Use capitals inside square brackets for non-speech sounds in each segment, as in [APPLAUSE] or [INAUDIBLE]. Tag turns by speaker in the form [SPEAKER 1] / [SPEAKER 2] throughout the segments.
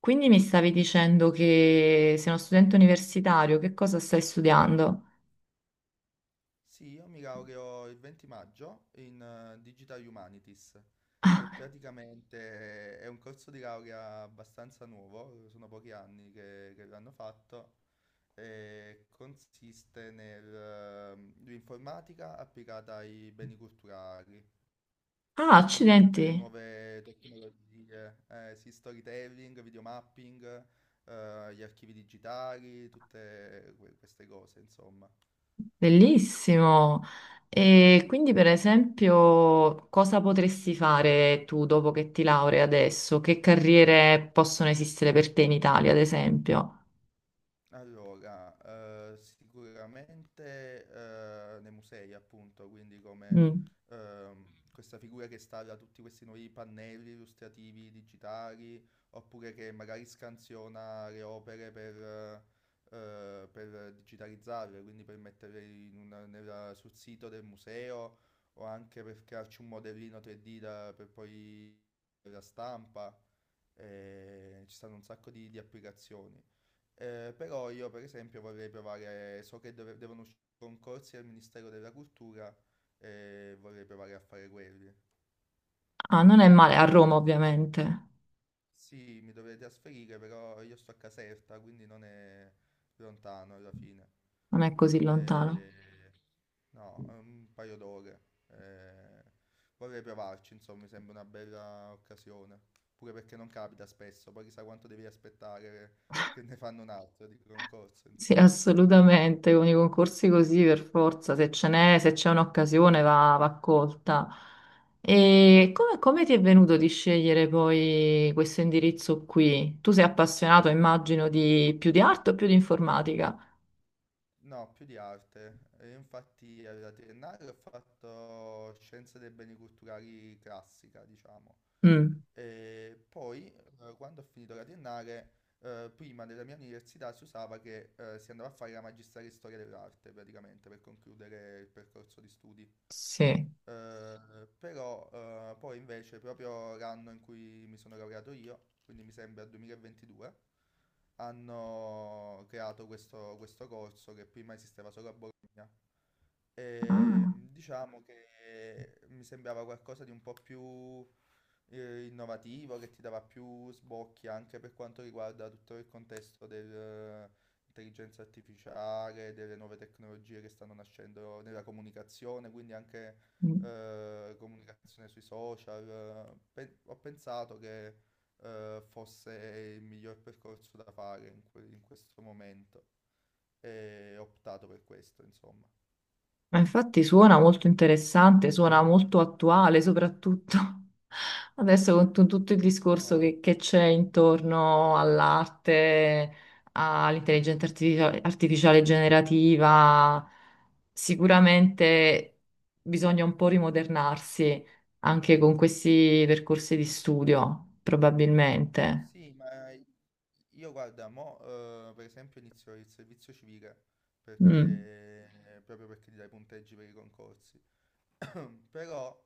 [SPEAKER 1] Quindi mi stavi dicendo che sei uno studente universitario, che cosa stai studiando?
[SPEAKER 2] Sì, io mi laureo il 20 maggio in Digital Humanities, che
[SPEAKER 1] Ah,
[SPEAKER 2] praticamente è un corso di laurea abbastanza nuovo, sono pochi anni che l'hanno fatto, e consiste nell'informatica applicata ai beni culturali,
[SPEAKER 1] ah,
[SPEAKER 2] quindi tutte
[SPEAKER 1] accidenti,
[SPEAKER 2] le nuove tecnologie, sì, storytelling, videomapping, gli archivi digitali, tutte queste cose, insomma.
[SPEAKER 1] bellissimo. E quindi, per esempio, cosa potresti fare tu dopo che ti laurei adesso? Che carriere possono esistere per te in Italia, ad esempio?
[SPEAKER 2] Allora, sicuramente nei musei, appunto, quindi come
[SPEAKER 1] Mm.
[SPEAKER 2] ehm, questa figura che installa tutti questi nuovi pannelli illustrativi digitali, oppure che magari scansiona le opere per digitalizzarle, quindi per metterle sul sito del museo, o anche per crearci un modellino 3D per poi la stampa. Ci stanno un sacco di applicazioni. Però io per esempio vorrei provare, so che devono uscire concorsi al Ministero della Cultura e vorrei provare a fare quelli.
[SPEAKER 1] Ah, non è male, a Roma, ovviamente,
[SPEAKER 2] Sì, mi dovrei trasferire, però io sto a Caserta, quindi non è lontano alla fine.
[SPEAKER 1] non è così
[SPEAKER 2] Eh,
[SPEAKER 1] lontano.
[SPEAKER 2] no, è un paio d'ore. Eh, vorrei provarci, insomma, mi sembra una bella occasione. Pure perché non capita spesso, poi chissà quanto devi aspettare che ne fanno un altro di concorso,
[SPEAKER 1] Sì,
[SPEAKER 2] insomma.
[SPEAKER 1] assolutamente, con i concorsi così per forza, se ce n'è, se c'è un'occasione va, va colta. E
[SPEAKER 2] Eh.
[SPEAKER 1] come, come ti è venuto di scegliere poi questo indirizzo qui? Tu sei appassionato, immagino, di più di arte o più di
[SPEAKER 2] Sì.
[SPEAKER 1] informatica?
[SPEAKER 2] No, più di arte. E infatti alla triennale ho fatto scienze dei beni culturali classica, diciamo.
[SPEAKER 1] Mm,
[SPEAKER 2] E poi, quando ho finito la triennale, prima della mia università si usava che si andava a fare la magistrale in storia dell'arte, praticamente, per concludere il percorso di studi.
[SPEAKER 1] sì.
[SPEAKER 2] Però poi invece proprio l'anno in cui mi sono laureato io, quindi mi sembra 2022, hanno creato questo corso che prima esisteva solo a Bologna. E,
[SPEAKER 1] Ah,
[SPEAKER 2] diciamo che mi sembrava qualcosa di un po' più innovativo che ti dava più sbocchi anche per quanto riguarda tutto il contesto dell'intelligenza artificiale, delle nuove tecnologie che stanno nascendo nella comunicazione, quindi anche
[SPEAKER 1] mm.
[SPEAKER 2] comunicazione sui social. Ho pensato che fosse il miglior percorso da fare in, in questo momento e ho optato per questo, insomma.
[SPEAKER 1] Ma infatti suona molto interessante, suona molto attuale, soprattutto [LAUGHS] adesso con tutto il discorso
[SPEAKER 2] No.
[SPEAKER 1] che c'è intorno all'arte, all'intelligenza artificiale generativa. Sicuramente bisogna un po' rimodernarsi anche con questi percorsi di studio, probabilmente.
[SPEAKER 2] Sì, ma io guarda, mo, per esempio inizio il servizio civile perché,
[SPEAKER 1] Mm.
[SPEAKER 2] proprio perché ti dai punteggi per i concorsi. Però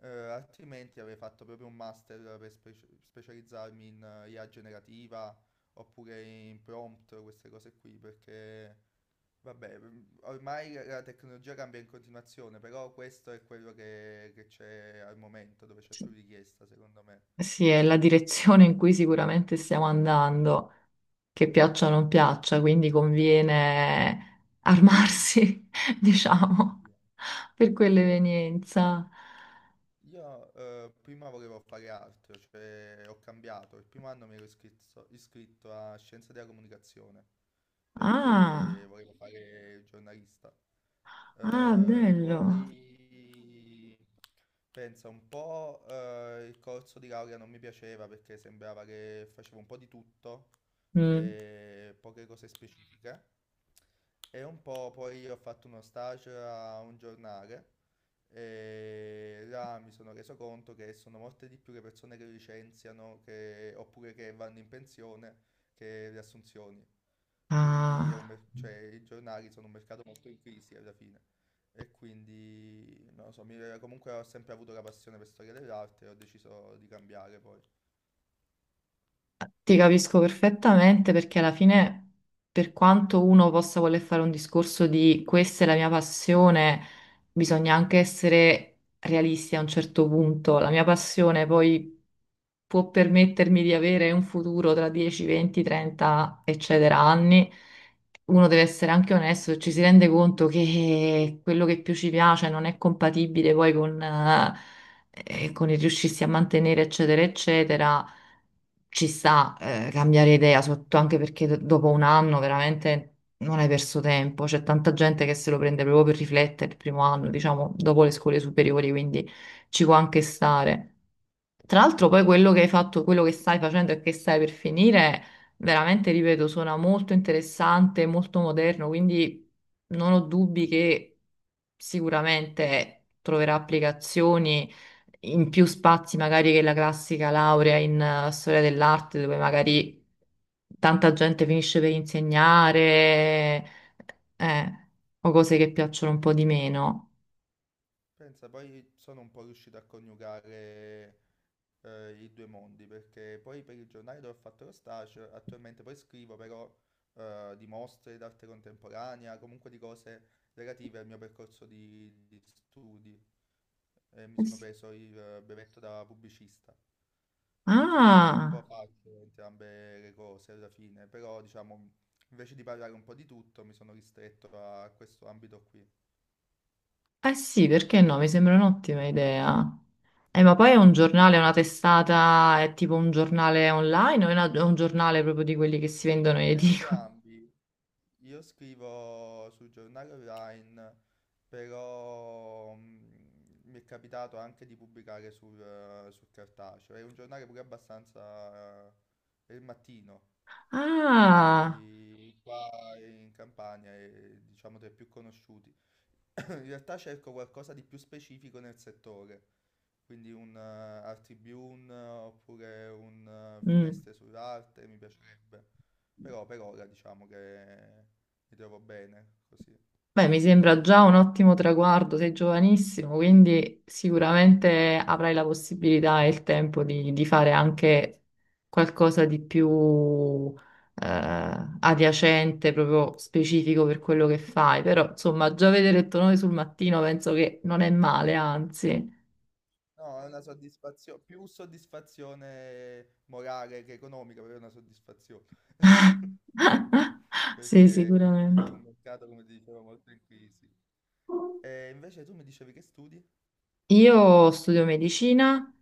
[SPEAKER 2] altrimenti avrei fatto proprio un master per specializzarmi in IA generativa oppure in prompt, queste cose qui, perché vabbè, ormai la tecnologia cambia in continuazione, però questo è quello che c'è al momento, dove c'è più richiesta, secondo me.
[SPEAKER 1] Sì, è la direzione in cui sicuramente stiamo andando, che piaccia o non
[SPEAKER 2] Mm.
[SPEAKER 1] piaccia, quindi conviene armarsi, [LAUGHS] diciamo,
[SPEAKER 2] Sì.
[SPEAKER 1] per quell'evenienza.
[SPEAKER 2] Io prima volevo fare altro, cioè ho cambiato. Il primo anno mi ero iscritto a Scienze della Comunicazione perché
[SPEAKER 1] Ah,
[SPEAKER 2] volevo fare il giornalista.
[SPEAKER 1] ah, bello.
[SPEAKER 2] Poi pensa un po', il corso di laurea non mi piaceva perché sembrava che facevo un po' di tutto
[SPEAKER 1] Mm.
[SPEAKER 2] e poche cose specifiche. E un po' poi ho fatto uno stage a un giornale e là mi sono reso conto che sono molte di più le persone che licenziano oppure che vanno in pensione che le assunzioni. Quindi è un
[SPEAKER 1] Ah,
[SPEAKER 2] cioè, i giornali sono un mercato molto in crisi alla fine. E quindi, non lo so, comunque ho sempre avuto la passione per storia dell'arte e ho deciso di cambiare poi.
[SPEAKER 1] ti capisco perfettamente perché alla fine, per quanto uno possa voler fare un discorso di questa è la mia passione, bisogna anche essere realisti a un certo punto. La mia passione poi può permettermi di avere un futuro tra 10, 20, 30, eccetera, anni, uno deve essere anche onesto e ci si rende conto che quello che più ci piace non è compatibile poi con il riuscirsi a mantenere, eccetera, eccetera. Ci sta, cambiare idea, sotto, anche perché dopo un anno veramente non hai perso tempo. C'è tanta gente che se lo prende proprio per riflettere il primo anno, diciamo, dopo le scuole superiori, quindi ci può anche stare. Tra l'altro poi quello che hai fatto, quello che stai facendo e che stai per finire, veramente, ripeto, suona molto interessante, molto moderno, quindi non ho dubbi che sicuramente troverà applicazioni in più spazi magari che la classica laurea in storia dell'arte, dove magari tanta gente finisce per insegnare, eh, o cose che piacciono un po' di meno.
[SPEAKER 2] Pensa, poi sono un po' riuscito a coniugare i due mondi, perché poi per il giornale dove ho fatto lo stage, attualmente poi scrivo però di mostre d'arte contemporanea, comunque di cose relative al mio percorso di studi. E mi sono preso il brevetto da pubblicista, quindi un po'
[SPEAKER 1] Ah!
[SPEAKER 2] faccio entrambe le cose alla fine, però diciamo invece di parlare un po' di tutto mi sono ristretto a questo ambito qui.
[SPEAKER 1] Eh sì, perché no? Mi sembra un'ottima idea. Ma poi è un giornale, una testata, è tipo un giornale online o è, è un giornale proprio di quelli che si vendono in edicola?
[SPEAKER 2] Entrambi. Io scrivo sul giornale online, però mi è capitato anche di pubblicare sul, sul cartaceo. È un giornale pure abbastanza... è il mattino,
[SPEAKER 1] Ah,
[SPEAKER 2] quindi qua in Campania è diciamo tra i più conosciuti. In realtà cerco qualcosa di più specifico nel settore, quindi un art tribune oppure un
[SPEAKER 1] mm.
[SPEAKER 2] finestre sull'arte mi piacerebbe, però per ora diciamo che mi trovo bene così.
[SPEAKER 1] Beh, mi sembra già un ottimo traguardo, sei giovanissimo, quindi sicuramente avrai la possibilità e il tempo di fare anche qualcosa di più adiacente, proprio specifico per quello che fai. Però, insomma, già vedere il tuo nome sul Mattino penso che non è male, anzi.
[SPEAKER 2] No, è una soddisfazione, più soddisfazione morale che economica, però è una soddisfazione, [LAUGHS]
[SPEAKER 1] [LAUGHS] Sì,
[SPEAKER 2] perché è un
[SPEAKER 1] sicuramente.
[SPEAKER 2] mercato, come ti dicevo, molto in crisi. E invece tu mi dicevi che studi?
[SPEAKER 1] Io studio medicina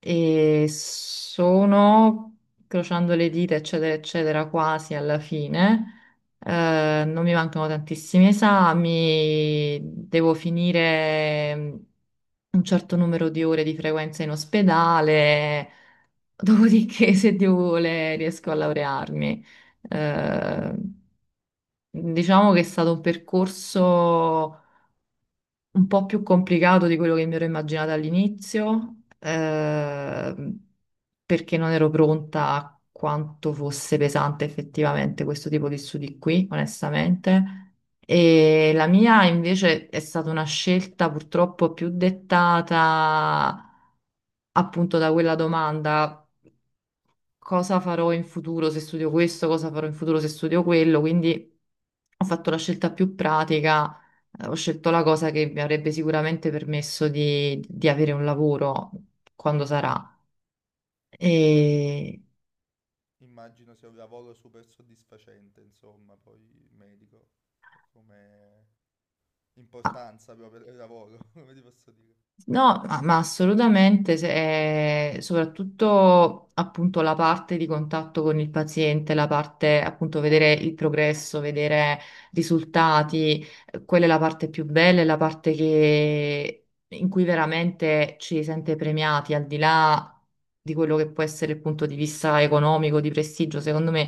[SPEAKER 1] e sono, crociando le dita, eccetera, eccetera, quasi alla fine.
[SPEAKER 2] Mm.
[SPEAKER 1] Non mi mancano tantissimi esami, devo finire un certo numero di ore di frequenza in ospedale, dopodiché, [LAUGHS] se Dio vuole, riesco a laurearmi. Eh, diciamo che è stato un percorso un po' più complicato di quello che mi ero immaginata all'inizio, perché non ero pronta a quanto fosse pesante effettivamente questo tipo di studi qui, onestamente. E la mia invece è stata una scelta purtroppo più dettata appunto da quella domanda, cosa farò in futuro se studio questo, cosa farò in futuro se studio quello. Quindi ho fatto la
[SPEAKER 2] Maggio.
[SPEAKER 1] scelta più pratica, ho scelto la cosa che mi avrebbe sicuramente permesso di avere un lavoro quando sarà.
[SPEAKER 2] Poi
[SPEAKER 1] E...
[SPEAKER 2] immagino sia un lavoro super soddisfacente, insomma, poi il medico, come
[SPEAKER 1] ah,
[SPEAKER 2] importanza proprio del lavoro, [LAUGHS] come ti posso dire.
[SPEAKER 1] no, ma assolutamente, soprattutto appunto la parte di contatto con il paziente, la parte appunto vedere il progresso, vedere risultati, quella è la parte più bella, è la parte in cui veramente ci si sente premiati, al di là di quello che può essere il punto di vista economico, di prestigio. Secondo me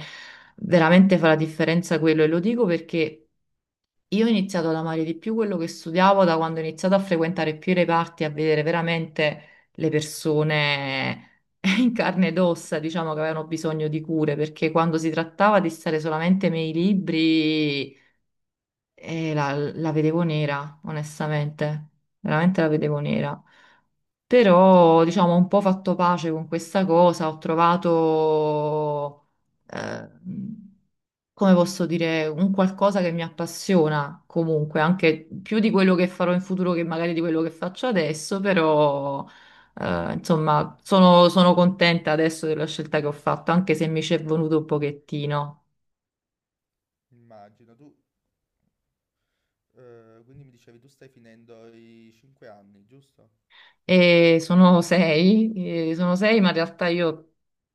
[SPEAKER 1] veramente fa la differenza quello, e lo dico perché io ho iniziato ad amare di più quello che studiavo da quando ho iniziato a frequentare più i reparti, a vedere veramente le persone [LAUGHS] in carne ed ossa, diciamo, che avevano bisogno di cure, perché quando si trattava di stare solamente nei libri, la vedevo nera, onestamente, veramente la vedevo nera. Però, diciamo, ho un po' fatto pace con questa cosa, ho trovato, eh, come posso dire, un qualcosa che mi appassiona comunque, anche più di quello che farò in futuro che magari di quello che faccio adesso, però, insomma, sono contenta adesso della scelta che ho fatto, anche se mi ci è venuto un pochettino.
[SPEAKER 2] Immagino, tu quindi mi dicevi tu stai finendo i 5 anni, giusto?
[SPEAKER 1] E sono sei, ma in realtà io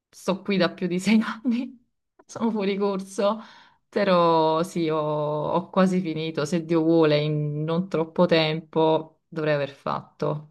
[SPEAKER 1] sto qui da più di sei [LAUGHS] anni, sono fuori corso, però sì, ho, ho quasi finito, se Dio vuole, in non troppo tempo dovrei aver fatto.